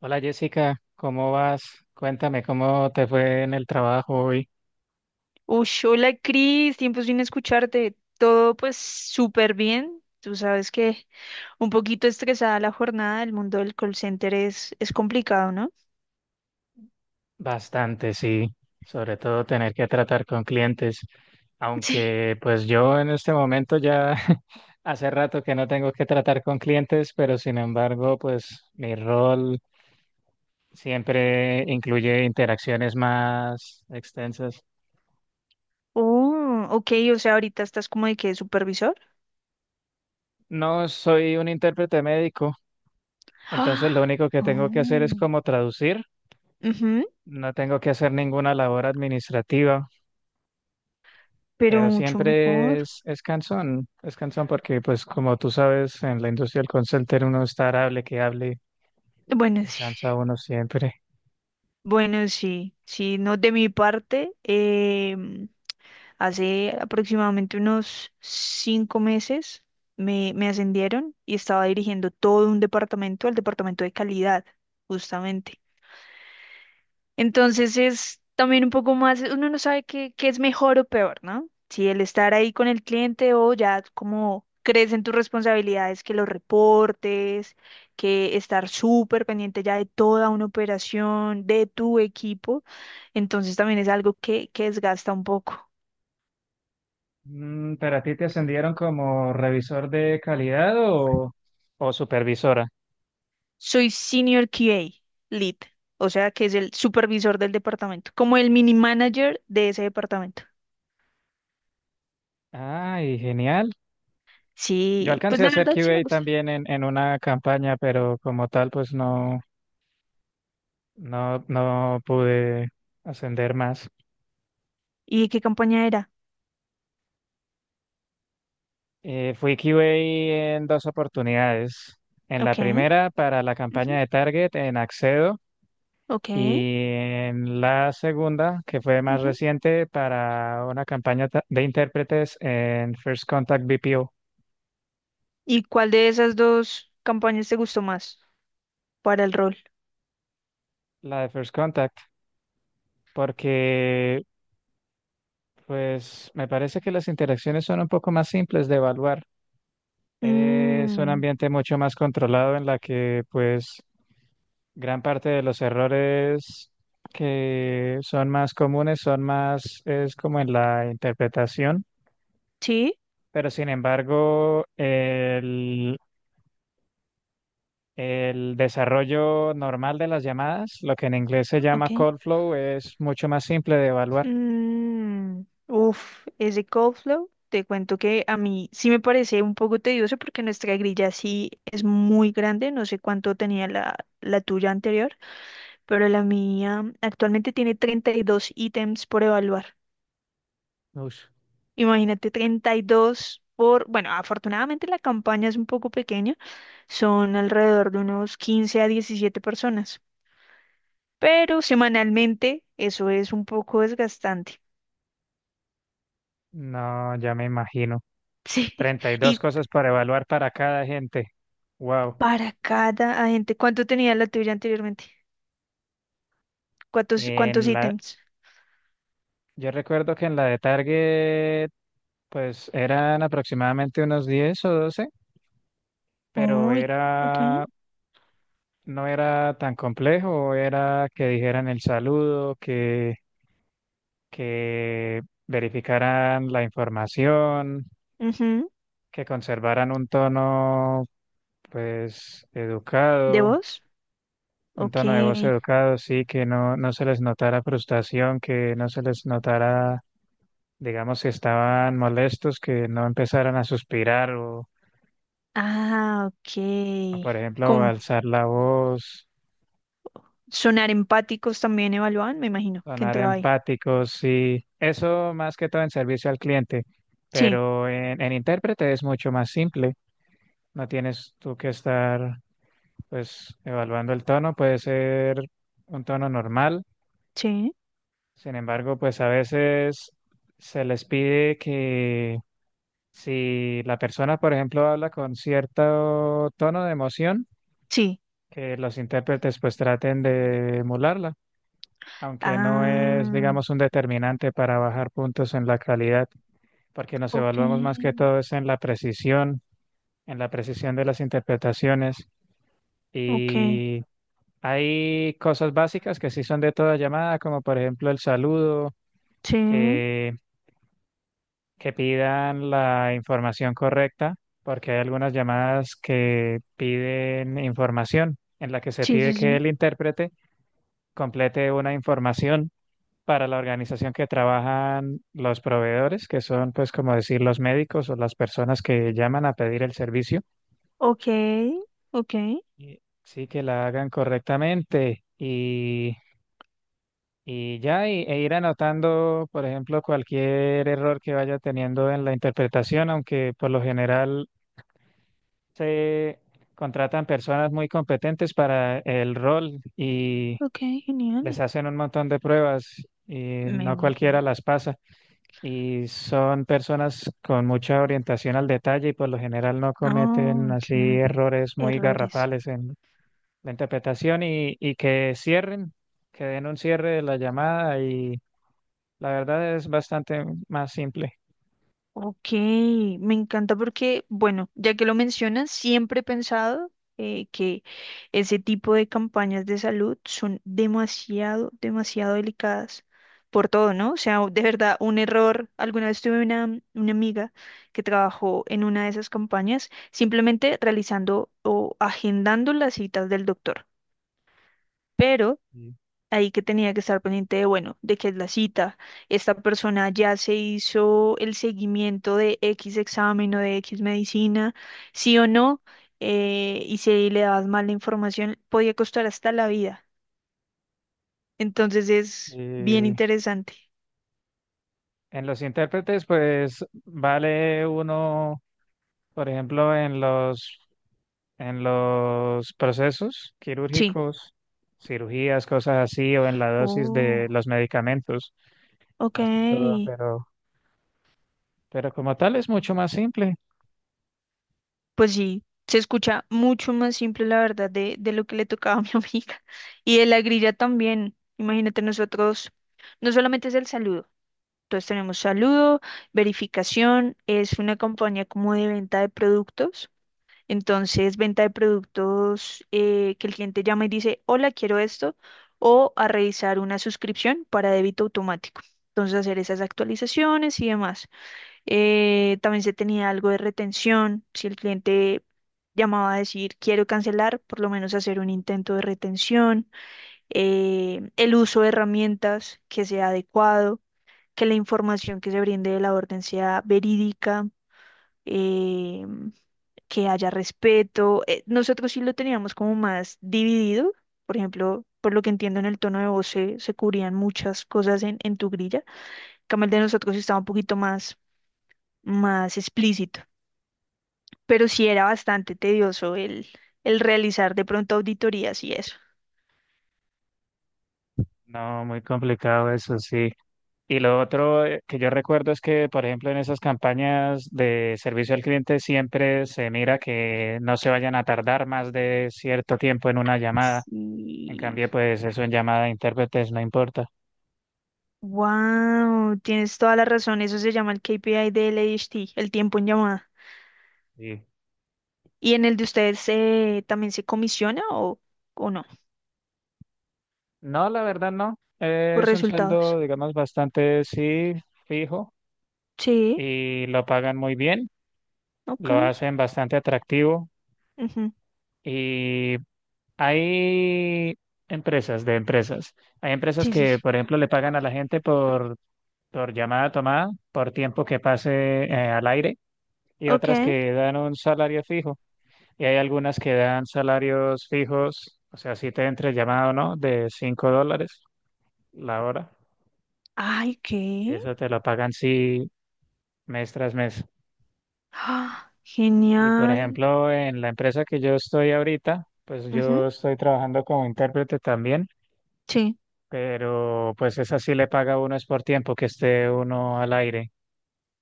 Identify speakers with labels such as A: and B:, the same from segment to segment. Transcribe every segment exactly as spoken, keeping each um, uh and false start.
A: Hola Jessica, ¿cómo vas? Cuéntame cómo te fue en el trabajo hoy.
B: Uy, hola Cris, tiempo sin escucharte. Todo pues súper bien. Tú sabes que un poquito estresada la jornada, el mundo del call center es, es complicado, ¿no?
A: Bastante, sí. Sobre todo tener que tratar con clientes.
B: Sí.
A: Aunque pues yo en este momento ya hace rato que no tengo que tratar con clientes, pero sin embargo pues mi rol siempre incluye interacciones más extensas.
B: Oh, ok, o sea, ahorita estás como de que supervisor.
A: No soy un intérprete médico, entonces lo
B: Ah,
A: único que tengo que hacer es
B: oh,
A: como traducir.
B: ujú,
A: No tengo que hacer ninguna labor administrativa.
B: pero
A: Pero
B: mucho
A: siempre
B: mejor.
A: es, es cansón, es cansón porque pues como tú sabes, en la industria del call center uno está hable que hable,
B: Bueno,
A: se
B: sí,
A: cansa uno siempre.
B: bueno, sí, sí, no de mi parte. em, Hace aproximadamente unos cinco meses me, me ascendieron y estaba dirigiendo todo un departamento, el departamento de calidad, justamente. Entonces es también un poco más, uno no sabe qué, qué es mejor o peor, ¿no? Si el estar ahí con el cliente o ya como crees en tus responsabilidades, que los reportes, que estar súper pendiente ya de toda una operación, de tu equipo. Entonces también es algo que, que desgasta un poco.
A: Mm, ¿pero a ti te ascendieron como revisor de calidad o, o supervisora?
B: Soy Senior Q A, Lead, o sea que es el supervisor del departamento, como el mini manager de ese departamento.
A: Ay, genial. Yo
B: Sí, pues
A: alcancé a
B: la
A: hacer
B: verdad sí me
A: Q A
B: gusta.
A: también en, en una campaña, pero como tal pues no, no, no pude ascender más.
B: ¿Y qué campaña era?
A: Eh, fui Q A en dos oportunidades. En la
B: Ok,
A: primera para la
B: ujú,
A: campaña de Target en Accedo,
B: ok.
A: y en la segunda, que fue más
B: Ujú.
A: reciente, para una campaña ta- de intérpretes en First Contact B P O.
B: ¿Y cuál de esas dos campañas te gustó más para el rol?
A: La de First Contact, porque pues me parece que las interacciones son un poco más simples de evaluar. Es un
B: Mm,
A: ambiente mucho más controlado en la que pues gran parte de los errores que son más comunes son más, es como en la interpretación,
B: sí,
A: pero sin embargo, el, el desarrollo normal de las llamadas, lo que en inglés se llama
B: ok.
A: call flow, es mucho más simple de evaluar.
B: Mm, uf, ese cold te cuento que a mí sí me parece un poco tedioso porque nuestra grilla sí es muy grande, no sé cuánto tenía la, la tuya anterior, pero la mía actualmente tiene treinta y dos ítems por evaluar.
A: Ush,
B: Imagínate treinta y dos por, bueno, afortunadamente la campaña es un poco pequeña, son alrededor de unos quince a diecisiete personas, pero semanalmente eso es un poco desgastante.
A: no, ya me imagino.
B: Sí,
A: Treinta y dos
B: y
A: cosas para evaluar para cada gente. Wow.
B: para cada agente. ¿Cuánto tenía la tuya anteriormente? ¿Cuántos, cuántos
A: En la,
B: ítems?
A: yo recuerdo que en la de Target, pues eran aproximadamente unos diez o doce, pero
B: Uy, ok.
A: era, no era tan complejo, era que dijeran el saludo, que, que verificaran la información,
B: Ujú.
A: que conservaran un tono, pues,
B: ¿De
A: educado,
B: vos?
A: un
B: Ok.
A: tono de voz educado, sí, que no, no se les notara frustración, que no se les notara, digamos, si estaban molestos, que no empezaran a suspirar o,
B: Ah,
A: o,
B: ok.
A: por ejemplo, a
B: Con
A: alzar la voz.
B: sonar empáticos también evaluaban, me imagino, que
A: Sonar
B: entraba ahí.
A: empáticos y eso más que todo en servicio al cliente,
B: Sí,
A: pero en, en intérprete es mucho más simple, no tienes tú que estar pues evaluando el tono, puede ser un tono normal,
B: sí,
A: sin embargo pues a veces se les pide que si la persona por ejemplo habla con cierto tono de emoción,
B: sí.
A: que los intérpretes pues traten de emularla, aunque no es
B: Ah,
A: digamos un determinante para bajar puntos en la calidad. Porque nos
B: ok,
A: evaluamos más que todo es en la precisión, en la precisión de las interpretaciones,
B: ok.
A: y hay cosas básicas que sí son de toda llamada, como por ejemplo el saludo,
B: Sí,
A: eh, que pidan la información correcta, porque hay algunas llamadas que piden información en la que se
B: sí,
A: pide
B: sí,
A: que
B: sí.
A: el intérprete complete una información para la organización que trabajan los proveedores, que son pues como decir los médicos o las personas que llaman a pedir el servicio.
B: Ok, ok,
A: Y- Sí, que la hagan correctamente y, y ya, y- e ir anotando, por ejemplo, cualquier error que vaya teniendo en la interpretación, aunque por lo general se contratan personas muy competentes para el rol y
B: ok, genial.
A: les hacen un montón de pruebas y
B: Me
A: no cualquiera
B: imagino.
A: las pasa. Y son personas con mucha orientación al detalle y por lo general no cometen
B: Oh,
A: así
B: claro,
A: errores muy
B: errores.
A: garrafales la interpretación y, y que cierren, que den un cierre de la llamada, y la verdad es bastante más simple.
B: Ok, me encanta porque, bueno, ya que lo mencionas, siempre he pensado eh, que ese tipo de campañas de salud son demasiado, demasiado delicadas por todo, ¿no? O sea, de verdad, un error. Alguna vez tuve una, una amiga que trabajó en una de esas campañas simplemente realizando o agendando las citas del doctor. Pero
A: Y-
B: ahí que tenía que estar pendiente de, bueno, de qué es la cita. Esta persona ya se hizo el seguimiento de X examen o de X medicina, sí o no, eh, y si le dabas mal la información, podía costar hasta la vida. Entonces es bien
A: y
B: interesante.
A: en los intérpretes, pues vale uno, por ejemplo, en los, en los procesos
B: Sí.
A: quirúrgicos, cirugías, cosas así, o en la dosis de
B: Oh,
A: los medicamentos, más que todo,
B: ok.
A: pero, pero como tal es mucho más simple.
B: Pues sí, se escucha mucho más simple, la verdad, de, de lo que le tocaba a mi amiga. Y de la grilla también. Imagínate nosotros, no solamente es el saludo. Entonces tenemos saludo, verificación, es una compañía como de venta de productos. Entonces, venta de productos, eh, que el cliente llama y dice, hola, quiero esto, o a revisar una suscripción para débito automático. Entonces, hacer esas actualizaciones y demás. Eh, también se tenía algo de retención. Si el cliente llamaba a decir, quiero cancelar, por lo menos hacer un intento de retención. Eh, el uso de herramientas que sea adecuado, que la información que se brinde de la orden sea verídica, eh, que haya respeto. Eh, nosotros sí lo teníamos como más dividido, por ejemplo, por lo que entiendo en el tono de voz se, se cubrían muchas cosas en, en tu grilla. En cambio, el de nosotros estaba un poquito más, más explícito, pero sí era bastante tedioso el, el realizar de pronto auditorías y eso.
A: No, muy complicado eso, sí. Y lo otro, eh, que yo recuerdo es que, por ejemplo, en esas campañas de servicio al cliente siempre se mira que no se vayan a tardar más de cierto tiempo en una llamada. En
B: Sí.
A: cambio, pues eso en llamada de intérpretes no importa.
B: Wow, tienes toda la razón. Eso se llama el K P I del A D H D, el tiempo en llamada.
A: Sí.
B: ¿Y en el de ustedes, eh, también se comisiona o, o no?
A: No, la verdad no. Eh,
B: Por
A: Es un
B: resultados.
A: sueldo, digamos, bastante, sí, fijo,
B: Sí,
A: y lo pagan muy bien,
B: ok.
A: lo hacen bastante atractivo,
B: Ujú.
A: y hay empresas de empresas. Hay empresas
B: Sí, sí,
A: que,
B: sí.
A: por ejemplo, le pagan a la gente por por llamada a tomada, por tiempo que pase eh, al aire, y
B: Ok.
A: otras que dan un salario fijo. Y hay algunas que dan salarios fijos, o sea, si te entra el llamado o no, de cinco dólares la hora,
B: Ay,
A: y
B: ¿qué?
A: eso te lo pagan sí mes tras mes.
B: Ah,
A: Y por
B: genial.
A: ejemplo, en la empresa que yo estoy ahorita, pues yo
B: Ujú.
A: estoy trabajando como intérprete también,
B: Sí.
A: pero pues esa sí le paga a uno es por tiempo que esté uno al aire.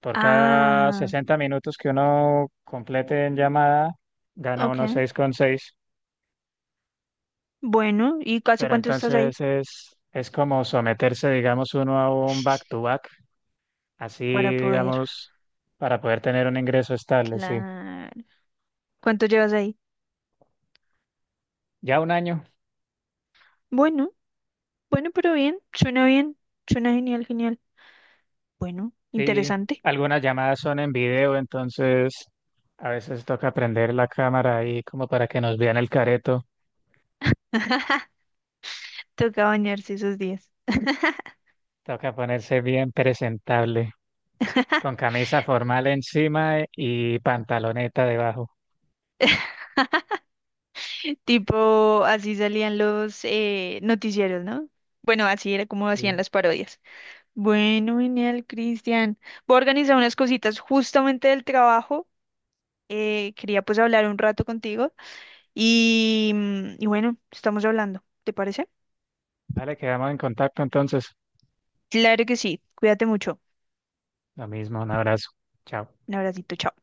A: Por cada
B: Ah,
A: sesenta minutos que uno complete en llamada, gana
B: ok.
A: uno seis coma seis.
B: Bueno, ¿y casi
A: Pero
B: cuánto estás ahí?
A: entonces es, es como someterse, digamos, uno a un back-to-back, así,
B: Para poder.
A: digamos, para poder tener un ingreso estable, sí.
B: Claro. ¿Cuánto llevas ahí?
A: Ya un año,
B: Bueno, bueno, pero bien. Suena bien. Suena genial, genial. Bueno,
A: sí.
B: interesante.
A: Algunas llamadas son en video, entonces a veces toca prender la cámara ahí como para que nos vean el careto.
B: Toca bañarse esos días.
A: Toca ponerse bien presentable, con camisa formal encima y pantaloneta debajo.
B: Tipo, así salían los, eh, noticieros, ¿no? Bueno, así era como hacían
A: Sí.
B: las parodias. Bueno, genial, Cristian. Voy a organizar unas cositas justamente del trabajo. Eh, quería pues hablar un rato contigo y, mm, y bueno, estamos hablando, ¿te parece?
A: Dale, quedamos en contacto entonces.
B: Claro que sí, cuídate mucho.
A: Lo mismo, un abrazo. Chao.
B: Un abracito, chao.